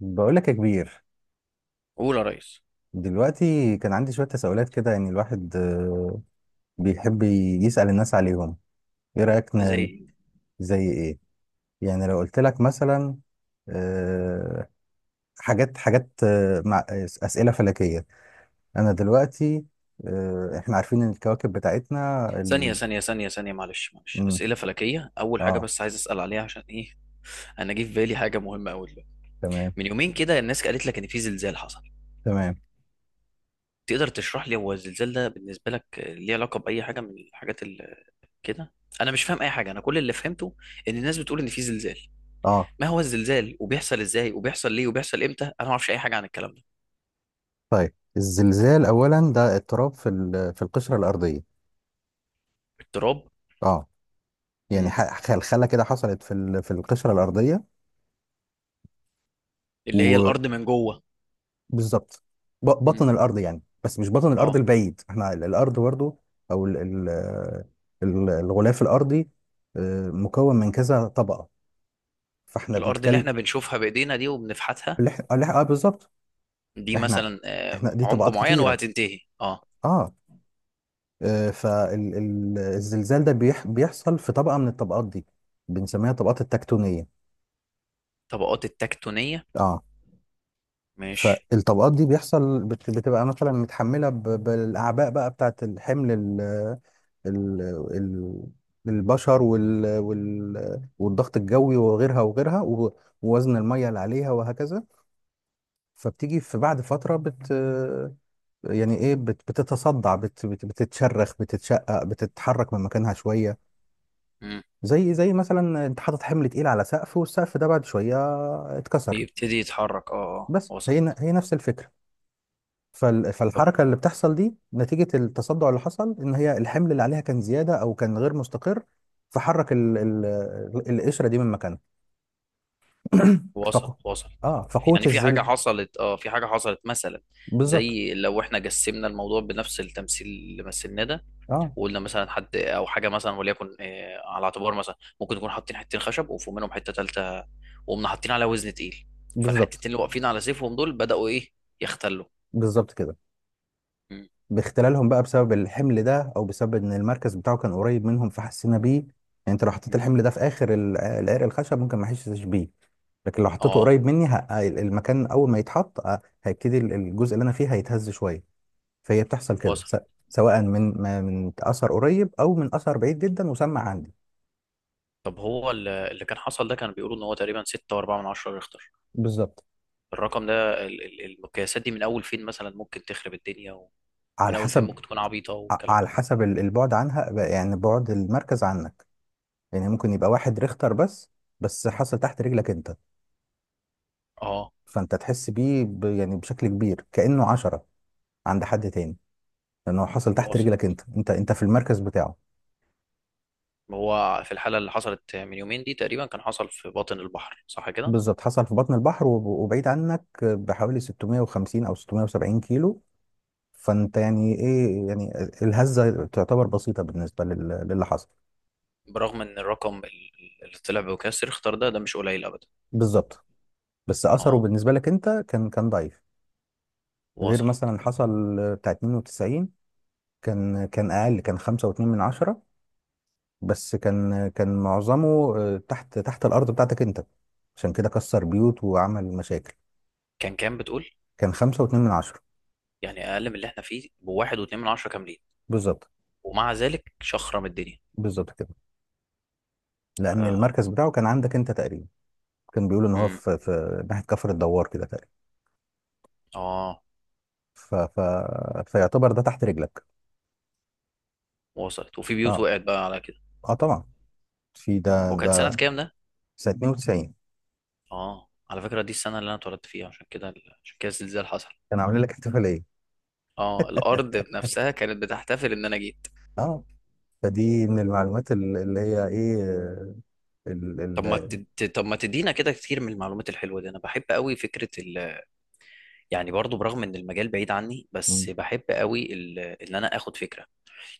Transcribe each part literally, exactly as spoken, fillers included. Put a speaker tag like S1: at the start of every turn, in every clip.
S1: بقولك يا كبير.
S2: قول يا ريس.
S1: دلوقتي كان عندي شوية تساؤلات كده، يعني الواحد آه، بيحب يسأل الناس عليهم. ايه رأيك ن-
S2: زي
S1: زي ايه؟ يعني لو قلت لك مثلا آه، حاجات حاجات آه، مع آه، أسئلة فلكية. انا دلوقتي آه، احنا عارفين ان الكواكب بتاعتنا
S2: ثانية
S1: ال...
S2: ثانية ثانية ثانية معلش معلش،
S1: مم،
S2: أسئلة فلكية أول حاجة
S1: اه،
S2: بس عايز أسأل عليها عشان إيه. أنا جه في بالي حاجة مهمة أوي دلوقتي.
S1: تمام،
S2: من يومين كده الناس قالت لك إن في زلزال حصل.
S1: تمام،
S2: تقدر تشرح لي هو الزلزال ده بالنسبة لك ليه علاقة بأي حاجة من الحاجات اللي كده؟ أنا مش فاهم أي حاجة، أنا كل اللي فهمته إن الناس بتقول إن في زلزال.
S1: اه.
S2: ما هو الزلزال، وبيحصل إزاي، وبيحصل ليه، وبيحصل إمتى؟ أنا ما أعرفش أي حاجة عن الكلام ده.
S1: طيب، الزلزال اولا ده اضطراب في ال- في القشرة الأرضية.
S2: التراب؟
S1: اه، يعني
S2: مم.
S1: ح- خلخلة كده حصلت في ال- في القشرة الأرضية.
S2: اللي هي الأرض من جوه.
S1: بالظبط، ب-
S2: مم.
S1: بطن الارض. يعني بس مش بطن الارض
S2: أه.
S1: البعيد، احنا ال- الارض برضو، او ال- ال- ال- الغلاف الارضي آه، مكون من كذا طبقه، فاحنا
S2: الأرض اللي إحنا
S1: بنتكلم.
S2: بنشوفها بإيدينا دي وبنفحتها،
S1: الح- الح- اه، بالظبط.
S2: دي
S1: احنا
S2: مثلا آه،
S1: احنا دي
S2: عمق
S1: طبقات
S2: معين
S1: كتيره.
S2: وهتنتهي؟ اه.
S1: اه، فالزلزال ده بيح- بيحصل في طبقه من الطبقات دي، بنسميها طبقات التكتونيه.
S2: طبقات التكتونية،
S1: اه،
S2: ماشي.
S1: فالطبقات دي بيحصل بت- بتبقى مثلا متحملة ب- بالأعباء بقى، بتاعت الحمل ال ال ال البشر وال وال والضغط الجوي وغيرها وغيرها و- ووزن المية اللي عليها وهكذا. فبتيجي في بعد فترة بت يعني ايه بت بتتصدع، بت بت- بتتشرخ، بتتشقق، بتتحرك من مكانها شوية.
S2: مم.
S1: زي زي مثلا انت حاطط حمل تقيل على سقف، والسقف ده بعد شوية اتكسر.
S2: بيبتدي يتحرك، اه اه،
S1: بس
S2: وصل.
S1: هي ن- هي نفس الفكرة. فال-
S2: طب
S1: فالحركة اللي بتحصل دي نتيجة التصدع اللي حصل، إن هي الحمل اللي عليها كان زيادة أو كان غير مستقر. فحرك ال ال القشرة دي من مكانها. فقو
S2: وصل وصل.
S1: اه
S2: في-
S1: فقوة
S2: يعني في حاجة
S1: الزل
S2: حصلت، اه، في حاجة حصلت مثلا
S1: بالظبط.
S2: زي لو احنا جسمنا الموضوع بنفس التمثيل اللي مثلناه ده،
S1: اه،
S2: وقلنا مثلا حد او حاجة مثلا، وليكن آه، على اعتبار مثلا ممكن نكون حاطين حتتين خشب وفوق منهم حتة تالتة، وقمنا حاطين عليها وزن تقيل،
S1: بالظبط.
S2: فالحتتين اللي واقفين على سيفهم دول بدأوا ايه؟ يختلوا.
S1: بالظبط كده.
S2: مم.
S1: باختلالهم بقى بسبب الحمل ده، أو بسبب إن المركز بتاعه كان قريب منهم، فحسينا بيه يعني. أنت لو حطيت الحمل ده في آخر ال- العرق الخشب، ممكن ما أحسش بيه. لكن لو حطيته
S2: اه
S1: قريب مني ه- المكان، أول ما يتحط آه، هيبتدي الجزء اللي أنا فيه هيتهز شوية. فهي بتحصل كده،
S2: وصل.
S1: س- سواء من ما- من اثر قريب او من اثر بعيد جدا، وسمع عندي.
S2: طب هو ال- اللي كان حصل ده كانوا بيقولوا ان هو تقريبا ستة و4 من عشرة ريختر.
S1: بالظبط.
S2: الرقم ده، ال- ال- المقياسات دي من اول فين مثلا ممكن تخرب الدنيا، ومن
S1: على
S2: اول فين
S1: حسب.
S2: ممكن تكون عبيطه
S1: ع-
S2: والكلام
S1: على
S2: ده؟
S1: حسب ال- البعد عنها بقى، يعني بعد المركز عنك. يعني ممكن يبقى واحد ريختر بس، بس حصل تحت رجلك انت،
S2: اه
S1: فانت تحس بيه ب- يعني بشكل كبير كأنه عشرة عند حد تاني، لانه حصل تحت
S2: واصل.
S1: رجلك انت. انت انت في المركز بتاعه.
S2: هو في الحاله اللي حصلت من يومين دي تقريبا كان حصل في باطن البحر صح كده؟
S1: بالظبط حصل في بطن البحر، وب- وبعيد عنك بحوالي ستمية وخمسين او ستمية وسبعين كيلو. فانت يعني ايه يعني الهزه تعتبر بسيطه بالنسبه لل- للي حصل.
S2: برغم ان الرقم ال- اللي طلع بمقياس ريختر ده، ده مش قليل ابدا.
S1: بالظبط، بس اثره
S2: اه
S1: بالنسبه لك انت كان كان ضعيف. غير
S2: واصل.
S1: مثلا حصل بتاع اتنين وتسعين، كان كان اقل، كان خمسة وعشرة من عشرة، بس كان كان معظمه آه، تحت تحت الارض بتاعتك انت، عشان كده كسر بيوت وعمل مشاكل.
S2: كان كام بتقول؟
S1: كان خمسة فاصلة اتنين من عشرة.
S2: يعني اقل من اللي احنا فيه بواحد واتنين من عشرة كاملين،
S1: بالظبط.
S2: ومع ذلك شخرم الدنيا.
S1: بالظبط كده. لان
S2: حاجه.
S1: المركز بتاعه كان عندك انت تقريبا. كان بيقول ان هو
S2: امم.
S1: في في ناحيه كفر الدوار كده تقريبا.
S2: اه
S1: ف... ف... فيعتبر ده تحت رجلك.
S2: وصلت. وفي بيوت
S1: اه،
S2: وقعت بقى على كده؟
S1: اه، طبعا. في ده.
S2: هو كان سنة
S1: ده
S2: كام ده؟
S1: سنة اتنين وتسعين.
S2: اه، على فكرة دي السنة اللي أنا اتولدت فيها. عشان كده، عشان كده الزلزال حصل.
S1: كان عامل لك احتفالية.
S2: اه، الأرض نفسها كانت بتحتفل إن أنا جيت.
S1: اه، فدي من المعلومات ال- اللي هي ايه آه، ال
S2: طب ما
S1: ال
S2: تد... طب ما تدينا كده كتير من المعلومات الحلوة دي. أنا بحب قوي فكرة ال... يعني برضو برغم إن المجال بعيد عني،
S1: مم،
S2: بس بحب قوي ال... إن أنا آخد فكرة.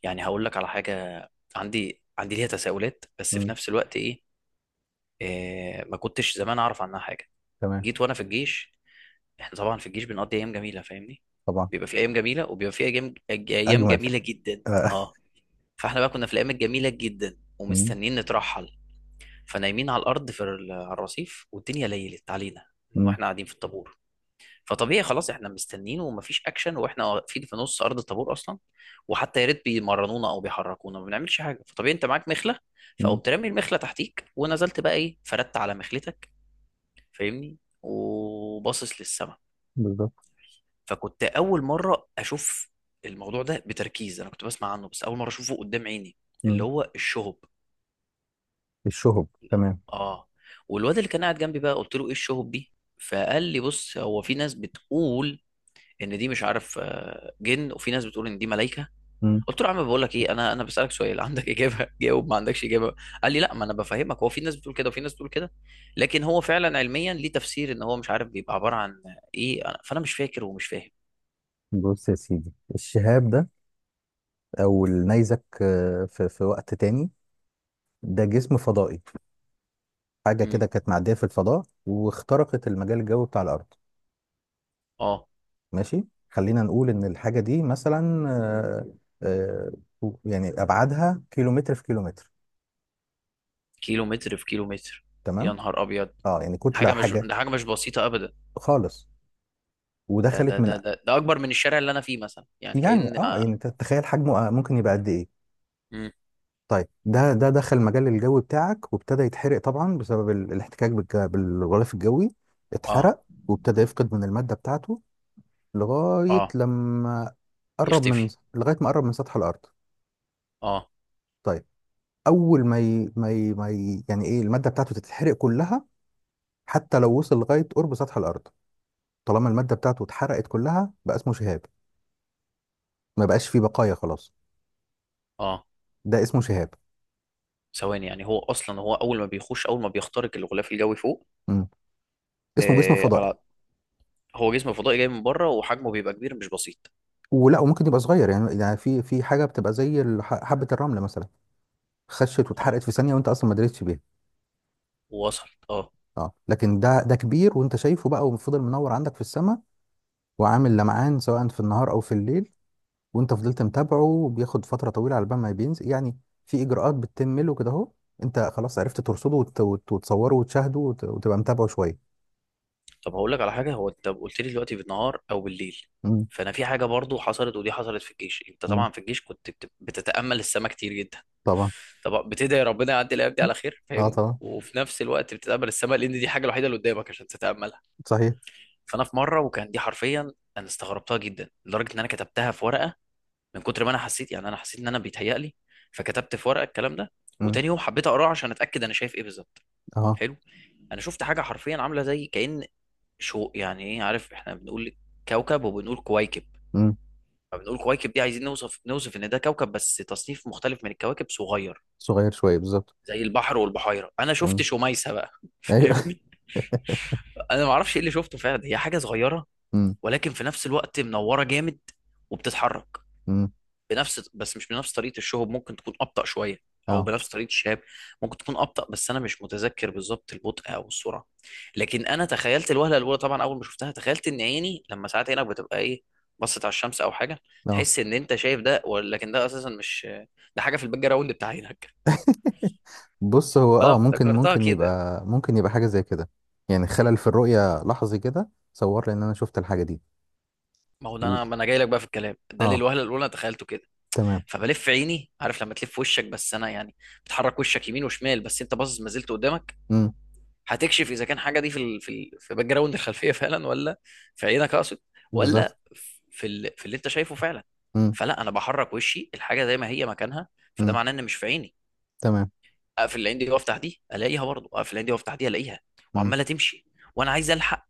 S2: يعني هقول لك على حاجة، عندي عندي ليها تساؤلات، بس في
S1: مم،
S2: نفس الوقت إيه، إيه... ما كنتش زمان أعرف عنها حاجة.
S1: تمام،
S2: جيت وأنا في الجيش. احنا طبعا في الجيش بنقضي ايام جميله، فاهمني؟
S1: طبعا،
S2: بيبقى في ايام جميله، وبيبقى في ايام ايام
S1: اجمل،
S2: جميله جدا،
S1: آه،
S2: اه. فاحنا بقى كنا في الايام الجميله جدا
S1: مم،
S2: ومستنيين نترحل، فنايمين على الارض في ال- على الرصيف، والدنيا ليلت علينا من
S1: مم،
S2: واحنا قاعدين في الطابور. فطبيعي خلاص احنا مستنيين ومفيش اكشن، واحنا واقفين في نص ارض الطابور اصلا، وحتى يا ريت بيمرنونا او بيحركونا، ما بنعملش حاجه. فطبيعي انت معاك مخله،
S1: مم،
S2: فقمت رامي المخله تحتيك ونزلت بقى ايه، فردت على مخلتك، فاهمني، وباصص للسما.
S1: بالظبط.
S2: فكنت اول مره اشوف الموضوع ده بتركيز، انا كنت بسمع عنه، بس اول مره اشوفه قدام عيني، اللي
S1: مم.
S2: هو الشهب.
S1: الشهب، تمام.
S2: اه. والواد اللي كان قاعد جنبي بقى قلت له ايه الشهب دي؟ فقال لي بص هو في ناس بتقول ان دي مش عارف آه، جن، وفي ناس بتقول ان دي ملائكه.
S1: مم.
S2: قلت له يا عم بقول لك ايه، انا انا بسالك سؤال عندك اجابه جاوب، ما عندكش اجابه؟ قال لي لا ما انا بفهمك، هو في ناس بتقول كده وفي ناس بتقول كده، لكن هو فعلا علميا ليه تفسير ان هو مش عارف بيبقى عباره عن ايه. أنا- فانا مش فاكر ومش فاهم.
S1: بص يا سيدي، الشهاب ده او النيزك آه، في في وقت تاني، ده جسم فضائي، حاجة
S2: امم.
S1: كده كانت معدية في الفضاء واخترقت المجال الجوي بتاع الارض.
S2: اه.
S1: ماشي، خلينا نقول ان الحاجه دي مثلا آه، آه، يعني ابعادها كيلومتر في كيلومتر.
S2: كيلو متر في كيلو متر؟ يا
S1: تمام.
S2: نهار ابيض.
S1: اه، يعني
S2: ده
S1: كتله
S2: حاجه مش
S1: حاجه.
S2: ده حاجه مش بسيطه ابدا.
S1: خالص.
S2: ده
S1: ودخلت
S2: ده
S1: من.
S2: ده ده, ده اكبر من الشارع اللي انا فيه مثلا، يعني
S1: يعني
S2: كأن
S1: اه يعني
S2: اه.
S1: انت تتخيل حجمه آه، ممكن يبقى قد ايه.
S2: مم.
S1: طيب ده ده دخل مجال الجو بتاعك، وابتدى يتحرق طبعا بسبب ال- الاحتكاك بالج- بالغلاف الجوي،
S2: اه.
S1: اتحرق، وابتدى يفقد من الماده بتاعته لغايه
S2: آه،
S1: لما قرب من،
S2: يختفي.
S1: لغايه ما قرب من سطح الارض.
S2: اه
S1: طيب، اول ما ي... ما ي... ما ي... يعني ايه، الماده بتاعته تتحرق كلها، حتى لو وصل لغايه قرب سطح الارض. طالما الماده بتاعته اتحرقت كلها، بقى اسمه شهاب. ما بقاش فيه بقايا خلاص.
S2: اه.
S1: ده اسمه شهاب.
S2: ثواني، يعني هو اصلا هو اول ما بيخش اول ما بيخترق الغلاف الجوي فوق؟
S1: امم. اسمه جسم
S2: آه
S1: فضائي.
S2: على هو جسم فضائي جاي من بره وحجمه بيبقى كبير مش بسيط.
S1: ولا، وممكن يبقى صغير، يعني يعني في في حاجه بتبقى زي ال- ح- حبه الرمله مثلا، خشت
S2: اه
S1: واتحرقت في ثانيه وانت اصلا ما دريتش بيها.
S2: وصل. اه.
S1: اه، لكن ده ده كبير وانت شايفه بقى، وفضل منور عندك في السماء، وعامل لمعان سواء في النهار او في الليل، وانت فضلت متابعه، بياخد فترة طويلة على بال ما بينزل يعني. في اجراءات بتتم له كده اهو، انت خلاص عرفت ترصده وت- وت- وتصوره وتشاهده وت- وتبقى متابعه شوية.
S2: طب هقول لك على حاجه، هو انت قلت لي دلوقتي بالنهار او بالليل.
S1: مم.
S2: فانا في حاجه برضو حصلت، ودي حصلت في الجيش. انت
S1: مم.
S2: طبعا في الجيش كنت بت- بتتامل السماء كتير جدا.
S1: طبعا.
S2: طب بتدعي ربنا يعدي الايام دي
S1: مم.
S2: على خير،
S1: اه،
S2: فاهمني،
S1: طبعا.
S2: وفي نفس الوقت بتتامل السماء لان دي الحاجه الوحيده اللي قدامك عشان تتاملها.
S1: صحيح.
S2: فانا في مره، وكان دي حرفيا انا استغربتها جدا لدرجه ان انا كتبتها في ورقه من كتر ما انا حسيت، يعني انا حسيت ان انا بيتهيأ لي، فكتبت في ورقه الكلام ده،
S1: مم.
S2: وتاني يوم حبيت اقراه عشان اتاكد انا شايف ايه بالظبط.
S1: اه.
S2: حلو. انا شفت حاجه، حرفيا عامله زي كأن، شو يعني ايه، عارف احنا بنقول كوكب وبنقول كويكب،
S1: مم.
S2: فبنقول كويكب دي عايزين نوصف نوصف ان ده كوكب بس تصنيف مختلف من الكواكب، صغير.
S1: صغير شوية بالظبط.
S2: زي البحر والبحيره، انا شفت
S1: مم.
S2: شميسه بقى
S1: ايوه.
S2: فاهمني. انا ما اعرفش ايه اللي شفته فعلا، هي حاجه صغيره
S1: مم.
S2: ولكن في نفس الوقت منوره جامد، وبتتحرك
S1: مم.
S2: بنفس، بس مش بنفس طريقه الشهب، ممكن تكون ابطا شويه، او
S1: اه،
S2: بنفس طريقه الشهاب، ممكن تكون ابطا، بس انا مش متذكر بالظبط البطء او السرعه. لكن انا تخيلت الوهله الاولى، طبعا اول ما شفتها تخيلت ان عيني، لما ساعات عينك بتبقى ايه، بصت على الشمس او حاجه،
S1: اه.
S2: تحس ان انت شايف ده، ولكن ده اساسا مش، ده حاجه في الباك جراوند بتاع عينك.
S1: بص، هو
S2: فانا
S1: اه ممكن.
S2: افتكرتها
S1: ممكن
S2: كده.
S1: يبقى ممكن يبقى حاجة زي كده، يعني خلل في الرؤية لحظي كده صور لي ان انا شفت الحاجة دي.
S2: ما هو ده
S1: و...
S2: انا ما انا جاي لك بقى في الكلام ده ليه،
S1: اه،
S2: الوهله الاولى أنا تخيلته كده.
S1: تمام.
S2: فبلف عيني، عارف لما تلف وشك، بس انا يعني بتحرك وشك يمين وشمال بس انت باصص ما زلت قدامك،
S1: مم.
S2: هتكشف اذا كان حاجه دي في ال... في ال... في باك جراوند الخلفيه فعلا، ولا في عينك اقصد،
S1: بالظبط.
S2: ولا في ال... في اللي انت شايفه فعلا.
S1: مم.
S2: فلا، انا بحرك وشي الحاجه زي ما هي مكانها، فده
S1: مم.
S2: معناه ان مش في عيني.
S1: تمام.
S2: اقفل العين دي وافتح دي الاقيها، برضه اقفل العين دي وافتح دي الاقيها،
S1: مم.
S2: وعماله تمشي. وانا عايز الحق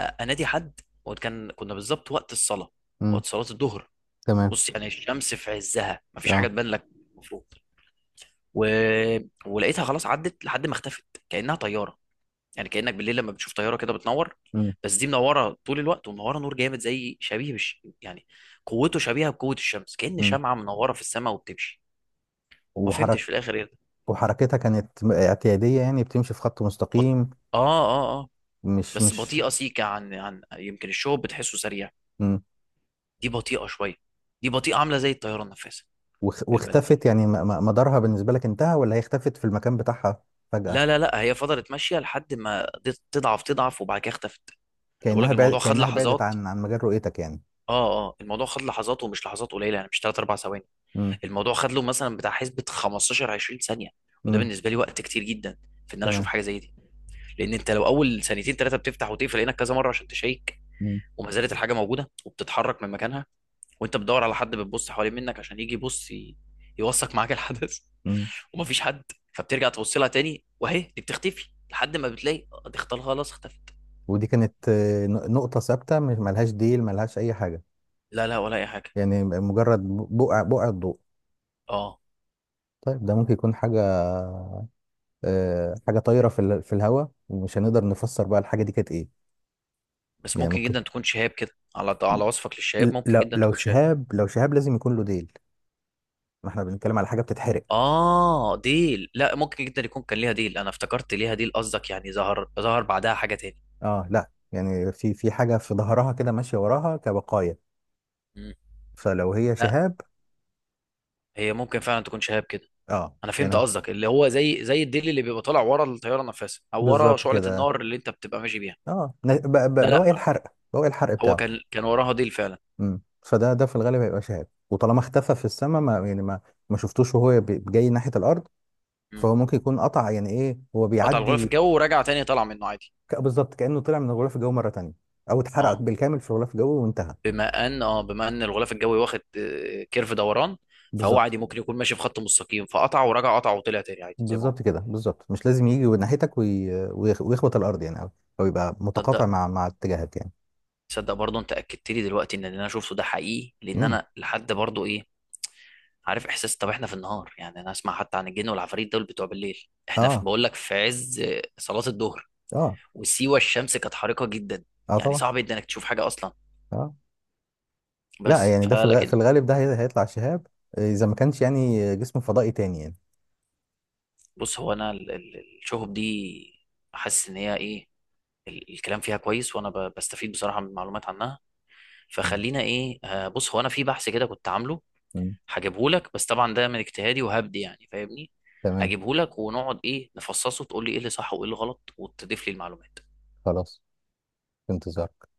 S2: أ- انادي حد. وكان كنا بالظبط وقت الصلاه،
S1: مم.
S2: وقت صلاه الظهر.
S1: تمام.
S2: بص، يعني الشمس في عزها مفيش حاجه
S1: اه.
S2: تبان لك المفروض. و... ولقيتها خلاص عدت لحد ما اختفت كانها طياره. يعني كانك بالليل لما بتشوف طياره كده بتنور،
S1: مم.
S2: بس دي منوره طول الوقت، ومنوره نور جامد، زي شبيه بالش... يعني قوته شبيهه بقوه الشمس، كأن
S1: مم.
S2: شمعه منوره في السماء وبتمشي. وما فهمتش
S1: وحرك
S2: في الاخر ايه ده.
S1: وحركتها كانت م- اعتيادية، يعني بتمشي في خط
S2: بط...
S1: مستقيم.
S2: اه اه اه،
S1: مش
S2: بس
S1: مش
S2: بطيئه سيكه عن، عن يمكن الشوب بتحسه سريع،
S1: مم.
S2: دي بطيئه شويه، دي بطيئه عامله زي الطياره النفاثه.
S1: واخ-
S2: بالبلدي،
S1: واختفت، يعني م- م- مدارها بالنسبة لك انتهى، ولا هي اختفت في المكان بتاعها فجأة؟
S2: لا لا لا، هي فضلت ماشيه لحد ما دي- تضعف تضعف وبعد كده اختفت. انا بقول لك
S1: كأنها بعد
S2: الموضوع خد
S1: كأنها بعدت
S2: لحظات،
S1: عن عن مجال رؤيتك يعني.
S2: اه اه، الموضوع خد لحظات ومش لحظات قليله، يعني مش تلاتة أربعة ثواني،
S1: مم.
S2: الموضوع خد له مثلا بتاع حسبه خمستاشر عشرين ثانيه، وده
S1: مم.
S2: بالنسبه لي وقت كتير جدا في ان انا اشوف
S1: تمام.
S2: حاجه زي دي. لان انت لو اول ثانيتين ثلاثه بتفتح وتقفل عينك كذا مره عشان تشيك،
S1: مم.
S2: وما زالت الحاجه موجوده وبتتحرك من مكانها، وانت بتدور على حد، بتبص حوالين منك عشان يجي يبص ي- يوثق معاك الحدث
S1: مم.
S2: ومفيش حد. فبترجع تبص لها تاني وهي دي بتختفي لحد ما بتلاقي آه، دي اختل- خلاص اختفت.
S1: ودي كانت آه، ن- نقطة ثابتة، مش ملهاش ديل، ملهاش أي حاجة.
S2: لا لا، ولا اي حاجه.
S1: يعني مجرد بقع بقع الضوء.
S2: اه.
S1: طيب، ده ممكن يكون حاجة آه، حاجه طايره في ال- في الهواء، ومش هنقدر نفسر بقى الحاجه دي كانت ايه.
S2: بس
S1: يعني
S2: ممكن
S1: ممكن.
S2: جدا تكون شهاب كده، على على وصفك
S1: ل-
S2: للشهاب ممكن
S1: لو
S2: جدا
S1: لو
S2: تكون شهاب.
S1: شهاب، لو شهاب لازم يكون له ديل، ما احنا بنتكلم على حاجه بتتحرق.
S2: اه ديل؟ لا، ممكن جدا يكون كان ليها ديل، انا افتكرت ليها ديل قصدك، يعني ظهر ظهر بعدها حاجه تاني.
S1: اه، لا يعني في في حاجه في ظهرها كده ماشيه وراها كبقايا.
S2: مم.
S1: فلو هي
S2: لا،
S1: شهاب.
S2: هي ممكن فعلا تكون شهاب كده.
S1: اه،
S2: انا فهمت
S1: هنا.
S2: قصدك، اللي هو زي زي الديل اللي بيبقى طالع ورا الطياره نفسها، او ورا
S1: بالظبط
S2: شعله
S1: كده.
S2: النار اللي انت بتبقى ماشي بيها.
S1: اه، ن- ب-
S2: لا
S1: ب-
S2: لا،
S1: بواقي الحرق. بواقي الحرق
S2: هو
S1: بتاعه.
S2: كان كان وراها ديل فعلا.
S1: امم، فده ده في الغالب هيبقى شهاب، وطالما اختفى في السماء ما يعني ما ما شفتوش وهو بي- جاي ناحيه الارض،
S2: مم.
S1: فهو ممكن يكون قطع، يعني ايه، هو
S2: قطع الغلاف
S1: بيعدي.
S2: الجوي ورجع تاني طلع منه عادي.
S1: ك- بالظبط، كأنه طلع من الغلاف الجوي مرة تانية، او اتحرق
S2: اه
S1: بالكامل في الغلاف الجوي وانتهى.
S2: بما ان، اه بما ان الغلاف الجوي واخد آه، كيرف دوران، فهو
S1: بالظبط،
S2: عادي ممكن يكون ماشي في خط مستقيم، فقطع ورجع قطع وطلع تاني عادي زي ما هو.
S1: بالظبط كده، بالظبط. مش لازم يجي ناحيتك وي... ويخ- ويخبط الارض يعني، او او يبقى متقاطع
S2: تصدق،
S1: مع مع اتجاهك يعني.
S2: تصدق برضه انت اكدت لي دلوقتي ان اللي انا شفته ده حقيقي، لان
S1: امم.
S2: انا لحد برضه ايه، عارف احساس، طب احنا في النهار، يعني انا اسمع حتى عن الجن والعفاريت دول بتوع بالليل، احنا في
S1: اه،
S2: بقول لك في عز آه، صلاة الظهر،
S1: اه،
S2: وسيوة الشمس كانت حارقة جدا،
S1: اه،
S2: يعني
S1: طبعا.
S2: صعب جدا انك تشوف حاجة اصلا.
S1: اه، لا
S2: بس
S1: يعني ده في الغ... في
S2: فلكن،
S1: الغالب ده هي... هيطلع شهاب، آه، اذا ما كانش يعني جسم فضائي تاني يعني.
S2: بص هو انا ال- ال- الشهب دي حاسس ان هي ايه، ال- الكلام فيها كويس، وانا ب- بستفيد بصراحه من معلومات عنها.
S1: مم.
S2: فخلينا ايه، آه، بص هو انا في بحث كده كنت عامله،
S1: مم.
S2: هجيبه لك، بس طبعا ده من اجتهادي وهبدي يعني فاهمني،
S1: تمام.
S2: اجيبه لك، ونقعد ايه نفصصه، تقول لي ايه اللي صح وايه اللي غلط، وتضيف لي المعلومات.
S1: خلاص، في انتظارك.